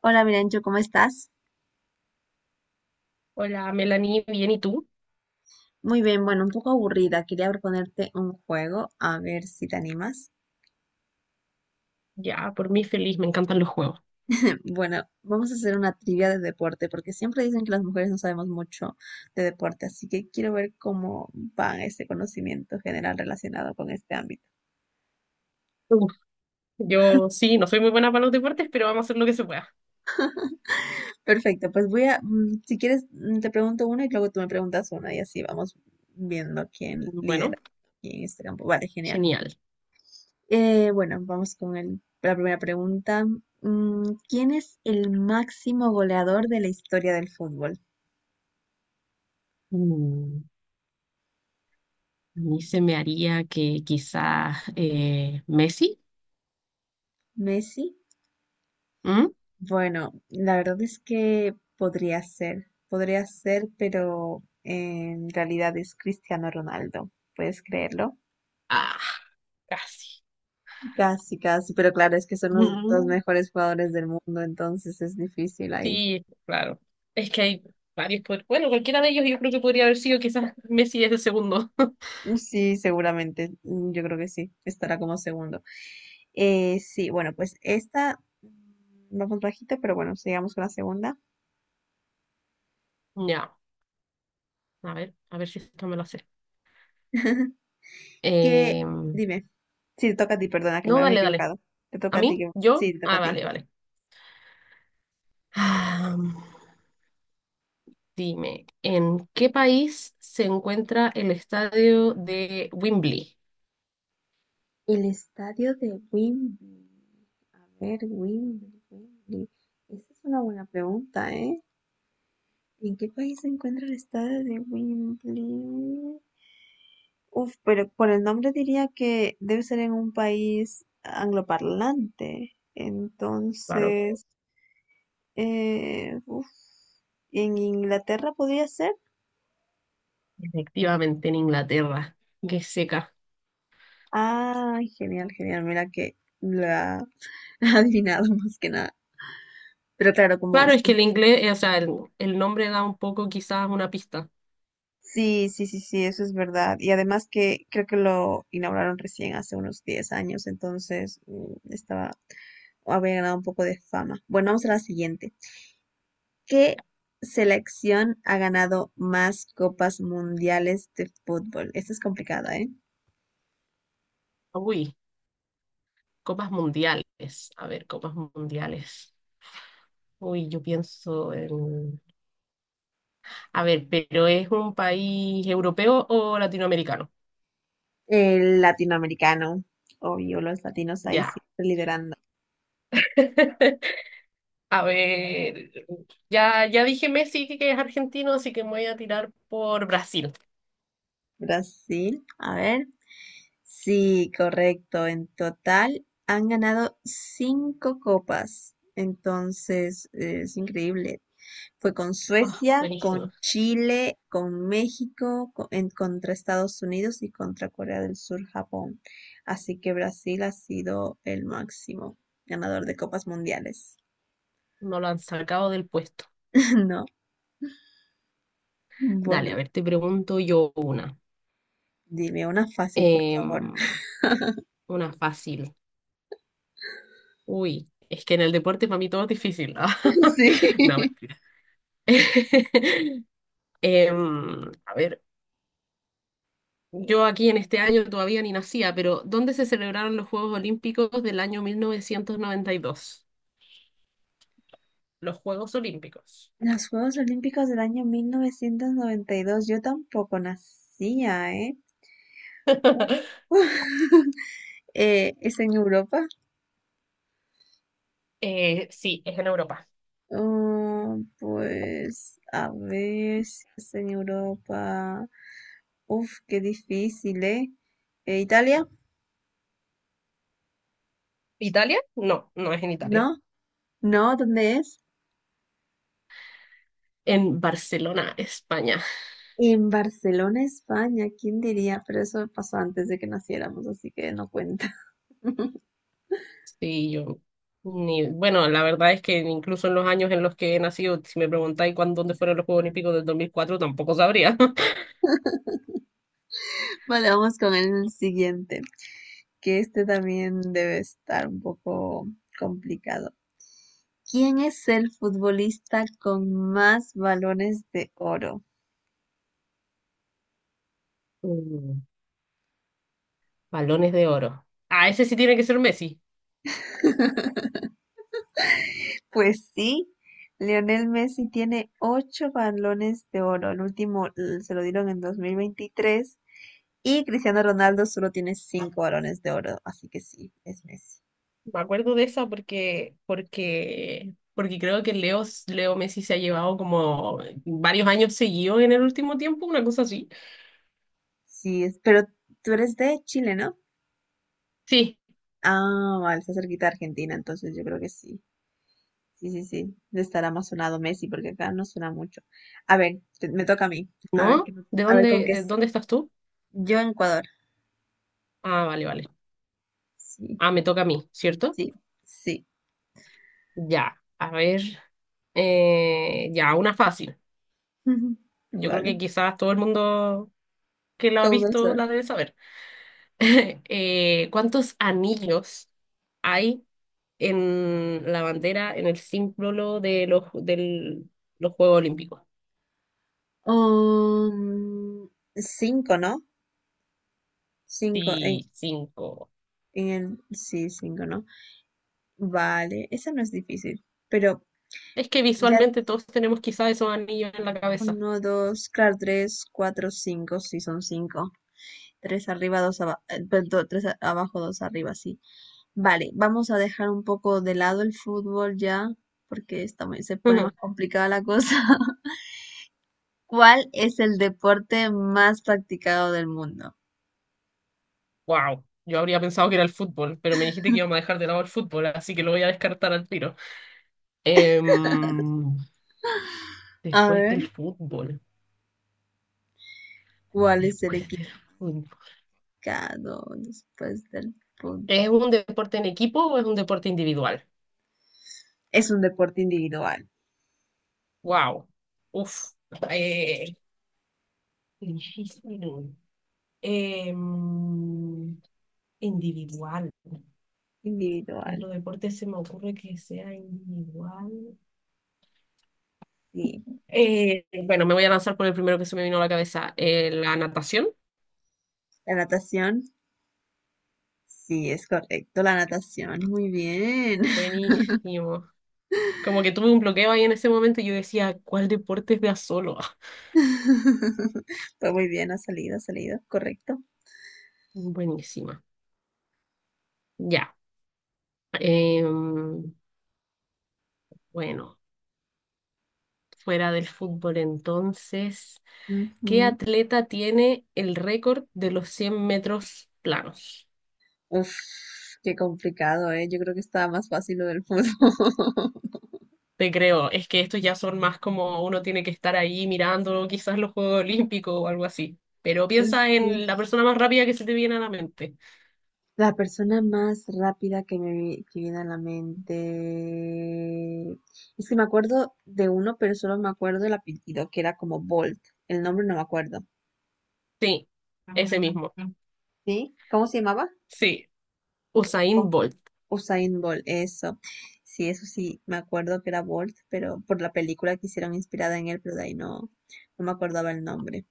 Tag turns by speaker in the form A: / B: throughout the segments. A: Hola, Mirancho, ¿cómo estás?
B: Hola, Melanie, bien, ¿y tú?
A: Muy bien, bueno, un poco aburrida. Quería proponerte un juego, a ver si te animas.
B: Ya, por mí feliz, me encantan los juegos.
A: Bueno, vamos a hacer una trivia de deporte, porque siempre dicen que las mujeres no sabemos mucho de deporte, así que quiero ver cómo va ese conocimiento general relacionado con este ámbito.
B: Uf, yo sí, no soy muy buena para los deportes, pero vamos a hacer lo que se pueda.
A: Perfecto, pues si quieres, te pregunto una y luego tú me preguntas una y así vamos viendo quién lidera
B: Bueno,
A: aquí en este campo. Vale, genial.
B: genial.
A: Bueno, vamos con la primera pregunta. Mm, ¿Quién es el máximo goleador de la historia del fútbol?
B: Mm, a mí se me haría que quizás Messi.
A: ¿Messi?
B: ¿Mm?
A: Bueno, la verdad es que podría ser, pero en realidad es Cristiano Ronaldo, ¿puedes creerlo?
B: Ah, casi.
A: Casi, casi, pero claro, es que son los dos
B: Mm,
A: mejores jugadores del mundo, entonces es difícil ahí.
B: sí, claro. Es que hay varios. Bueno, cualquiera de ellos yo creo que podría haber sido quizás Messi es el segundo.
A: Sí, seguramente. Mm, Yo creo que sí. Estará como segundo. Sí, bueno, pues esta, vamos bajita, pero bueno, sigamos con la segunda.
B: Ya, a ver si esto me lo hace.
A: ¿Qué?
B: Em,
A: Dime. Sí, te toca a ti, perdona que me
B: no,
A: había
B: dale, dale.
A: equivocado. Te
B: ¿A
A: toca a ti.
B: mí? ¿Yo?
A: Sí, te toca
B: Ah,
A: a ti.
B: vale, vale. Ah, dime, ¿en qué país se encuentra el estadio de Wembley?
A: El estadio de Wembley. A ver, Wembley, Wembley. Esa es una buena pregunta, ¿eh? ¿En qué país se encuentra el estadio de Wembley? Uf, pero por el nombre diría que debe ser en un país angloparlante.
B: Claro,
A: Entonces, eh, uf, ¿en Inglaterra podría ser?
B: efectivamente en Inglaterra. Qué seca.
A: Ah, genial, genial. Mira que la ha adivinado más que nada. Pero claro, como...
B: Claro, es que el
A: siempre-
B: inglés, o sea, el nombre da un poco quizás una pista.
A: Sí, sí, sí, sí, eso es verdad. Y además que creo que lo inauguraron recién hace unos 10 años, entonces estaba, había ganado un poco de fama. Bueno, vamos a la siguiente. ¿Qué selección ha ganado más copas mundiales de fútbol? Esto es complicado, ¿eh?
B: Uy, copas mundiales. A ver, copas mundiales. Uy, yo pienso en... A ver, ¿pero es un país europeo o latinoamericano?
A: El latinoamericano, obvio, los latinos ahí
B: Ya.
A: siempre liderando.
B: A ver, ya, ya dije Messi que es argentino, así que me voy a tirar por Brasil.
A: Brasil, a ver. Sí, correcto. En total han ganado cinco copas. Entonces, es increíble. Fue con
B: Ah,
A: Suecia,
B: buenísimo.
A: con Chile, con México, contra Estados Unidos y contra Corea del Sur, Japón. Así que Brasil ha sido el máximo ganador de copas mundiales.
B: No lo han sacado del puesto.
A: No,
B: Dale,
A: bueno,
B: a ver, te pregunto yo una.
A: dime una fácil, por
B: Em,
A: favor.
B: una fácil. Uy, es que en el deporte para mí todo es difícil. No,
A: Sí.
B: mentira. A ver, yo aquí en este año todavía ni nacía, pero ¿dónde se celebraron los Juegos Olímpicos del año 1992? Los Juegos Olímpicos.
A: Los Juegos Olímpicos del año 1992, yo tampoco nacía, ¿eh? Uf. ¿Es en Europa?
B: Sí, es en Europa.
A: Ah, pues a ver si es en Europa. Uf, qué difícil, ¿eh? ¿Italia?
B: ¿Italia? No, no es en Italia.
A: No, no, ¿dónde es?
B: En Barcelona, España.
A: En Barcelona, España, ¿quién diría? Pero eso pasó antes de que naciéramos, así que no cuenta.
B: Sí, yo. Ni, bueno, la verdad es que incluso en los años en los que he nacido, si me preguntáis cuándo, dónde fueron los Juegos Olímpicos del 2004, tampoco sabría.
A: Vale, vamos con el siguiente, que este también debe estar un poco complicado. ¿Quién es el futbolista con más balones de oro?
B: Mm, balones de oro. Ah, ese sí tiene que ser Messi.
A: Pues sí, Lionel Messi tiene ocho balones de oro. El último, se lo dieron en 2023 y Cristiano Ronaldo solo tiene cinco balones de oro. Así que sí, es Messi.
B: Me acuerdo de esa porque creo que Leo Messi se ha llevado como varios años seguidos en el último tiempo, una cosa así.
A: Sí, es, pero tú eres de Chile, ¿no?
B: Sí,
A: Ah, vale, está cerquita de Argentina, entonces yo creo que sí. Sí, sí, sí. Le estará más sonado Messi porque acá no suena mucho. A ver, me toca a mí. A ver,
B: ¿no? ¿De
A: a ver con
B: dónde,
A: qué es.
B: estás tú?
A: Yo en Ecuador.
B: Ah, vale, vale.
A: Sí,
B: Ah, me toca a mí, ¿cierto?
A: sí, sí.
B: Ya, a ver, ya, una fácil. Yo creo
A: Vale.
B: que quizás todo el mundo que la ha
A: Todo el
B: visto
A: mundo.
B: la debe saber. ¿Cuántos anillos hay en la bandera, en el símbolo de los Juegos Olímpicos?
A: Um, Cinco, ¿no? Cinco,
B: Sí, cinco.
A: en sí, cinco, ¿no? Vale, esa no es difícil, pero
B: Es que
A: ya
B: visualmente todos tenemos quizás esos anillos en la cabeza.
A: uno, dos, claro, tres, cuatro, cinco, sí, son cinco. Tres arriba, dos abajo, tres abajo, dos arriba, sí. Vale, vamos a dejar un poco de lado el fútbol ya, porque está se pone más complicada la cosa. ¿Cuál es el deporte más practicado del mundo?
B: Wow, yo habría pensado que era el fútbol, pero me dijiste que íbamos a dejar de lado el fútbol, así que lo voy a descartar al tiro. Em,
A: A
B: Después
A: ver,
B: del fútbol,
A: ¿cuál es el
B: después del
A: equipo?
B: fútbol.
A: Claro, después del punto.
B: ¿Es un deporte en equipo o es un deporte individual?
A: Es un deporte individual,
B: Wow. Uf. Eh, difícil. Em, Individual. ¿Qué
A: individual,
B: otro deporte se me ocurre que sea individual?
A: sí.
B: Bueno, me voy a lanzar por el primero que se me vino a la cabeza. La natación.
A: La natación, sí, es correcto, la natación, muy bien.
B: Buenísimo. Como que tuve un bloqueo ahí en ese momento y yo decía, ¿cuál deporte es de a solo?
A: Pues muy bien, ha salido, correcto.
B: Buenísima. Ya. Em, bueno, fuera del fútbol entonces, ¿qué
A: Ujú.
B: atleta tiene el récord de los 100 metros planos?
A: Uf, qué complicado, ¿eh? Yo creo que estaba más fácil lo del fútbol.
B: Te creo, es que estos ya son más como uno tiene que estar ahí mirando quizás los Juegos Olímpicos o algo así, pero piensa
A: Sí.
B: en la persona más rápida que se te viene a la mente.
A: La persona más rápida que que viene a la mente. Es que me acuerdo de uno, pero solo me acuerdo el apellido, que era como Bolt. El nombre no me acuerdo.
B: Sí, ese mismo.
A: ¿Sí? ¿Cómo se llamaba?
B: Sí, Usain
A: Con
B: Bolt.
A: Usain Bolt, eso. Sí, eso sí, me acuerdo que era Bolt, pero por la película que hicieron inspirada en él, pero de ahí no, no me acordaba el nombre.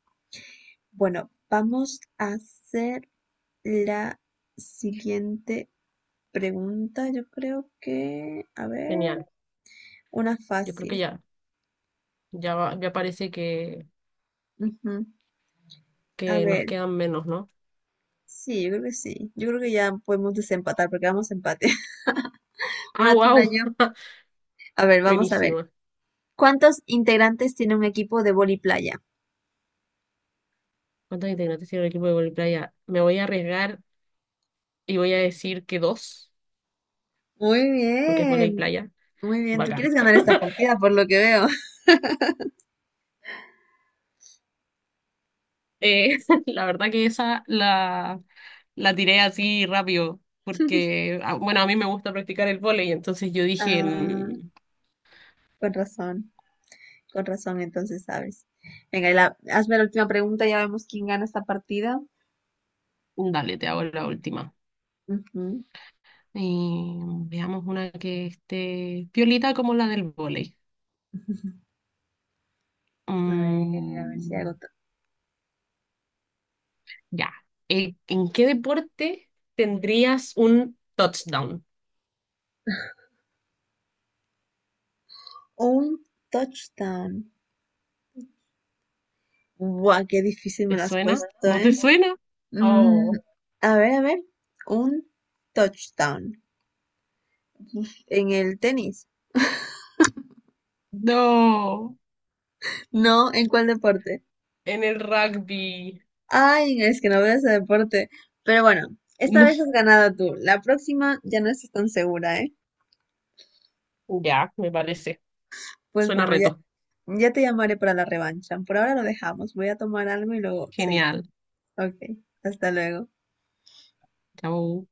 A: Bueno, vamos a hacer la siguiente pregunta. Yo creo que. A ver.
B: Genial.
A: Una
B: Yo creo que
A: fácil.
B: ya, ya, ya parece
A: Ujú. A
B: que nos
A: ver,
B: quedan menos, ¿no?
A: sí, yo creo que sí. Yo creo que ya podemos desempatar porque vamos a empate.
B: Ah,
A: Una tú, una
B: wow,
A: yo. A ver, vamos a ver.
B: buenísima.
A: ¿Cuántos integrantes tiene un equipo de vóley playa?
B: ¿Cuántos integrantes tiene el equipo de vóley playa? Me voy a arriesgar y voy a decir que dos,
A: Muy
B: porque es vóley
A: bien,
B: playa.
A: muy bien. Tú
B: Bacán.
A: quieres ganar esta partida por lo que veo.
B: Eh, la verdad que la tiré así rápido, porque, ah, bueno, a mí me gusta practicar el vóley, entonces yo dije,
A: Ah,
B: "Mm,
A: con razón, con razón, entonces sabes. Venga, y hazme la última pregunta, ya vemos quién gana esta partida.
B: dale, te hago la última.
A: Ujú.
B: Y veamos una que esté piolita como la del vóley.
A: A ver si
B: Mm,
A: hago
B: ya. ¿En qué deporte tendrías un touchdown?
A: un touchdown. Buah, qué difícil me
B: ¿Te
A: lo has
B: suena?
A: puesto,
B: ¿No te
A: ¿eh?
B: suena?
A: Mm,
B: Oh,
A: a ver, a ver. Un touchdown. En el tenis.
B: no.
A: No, ¿en cuál deporte?
B: En el rugby.
A: Ay, es que no veo ese deporte. Pero bueno, esta
B: No.
A: vez has ganado tú. La próxima ya no estás tan segura, ¿eh?
B: Ya, me parece.
A: Pues
B: Suena
A: bueno, ya,
B: reto.
A: ya te llamaré para la revancha. Por ahora lo dejamos. Voy a tomar algo y luego seguimos.
B: Genial.
A: Ok, hasta luego.
B: Chao.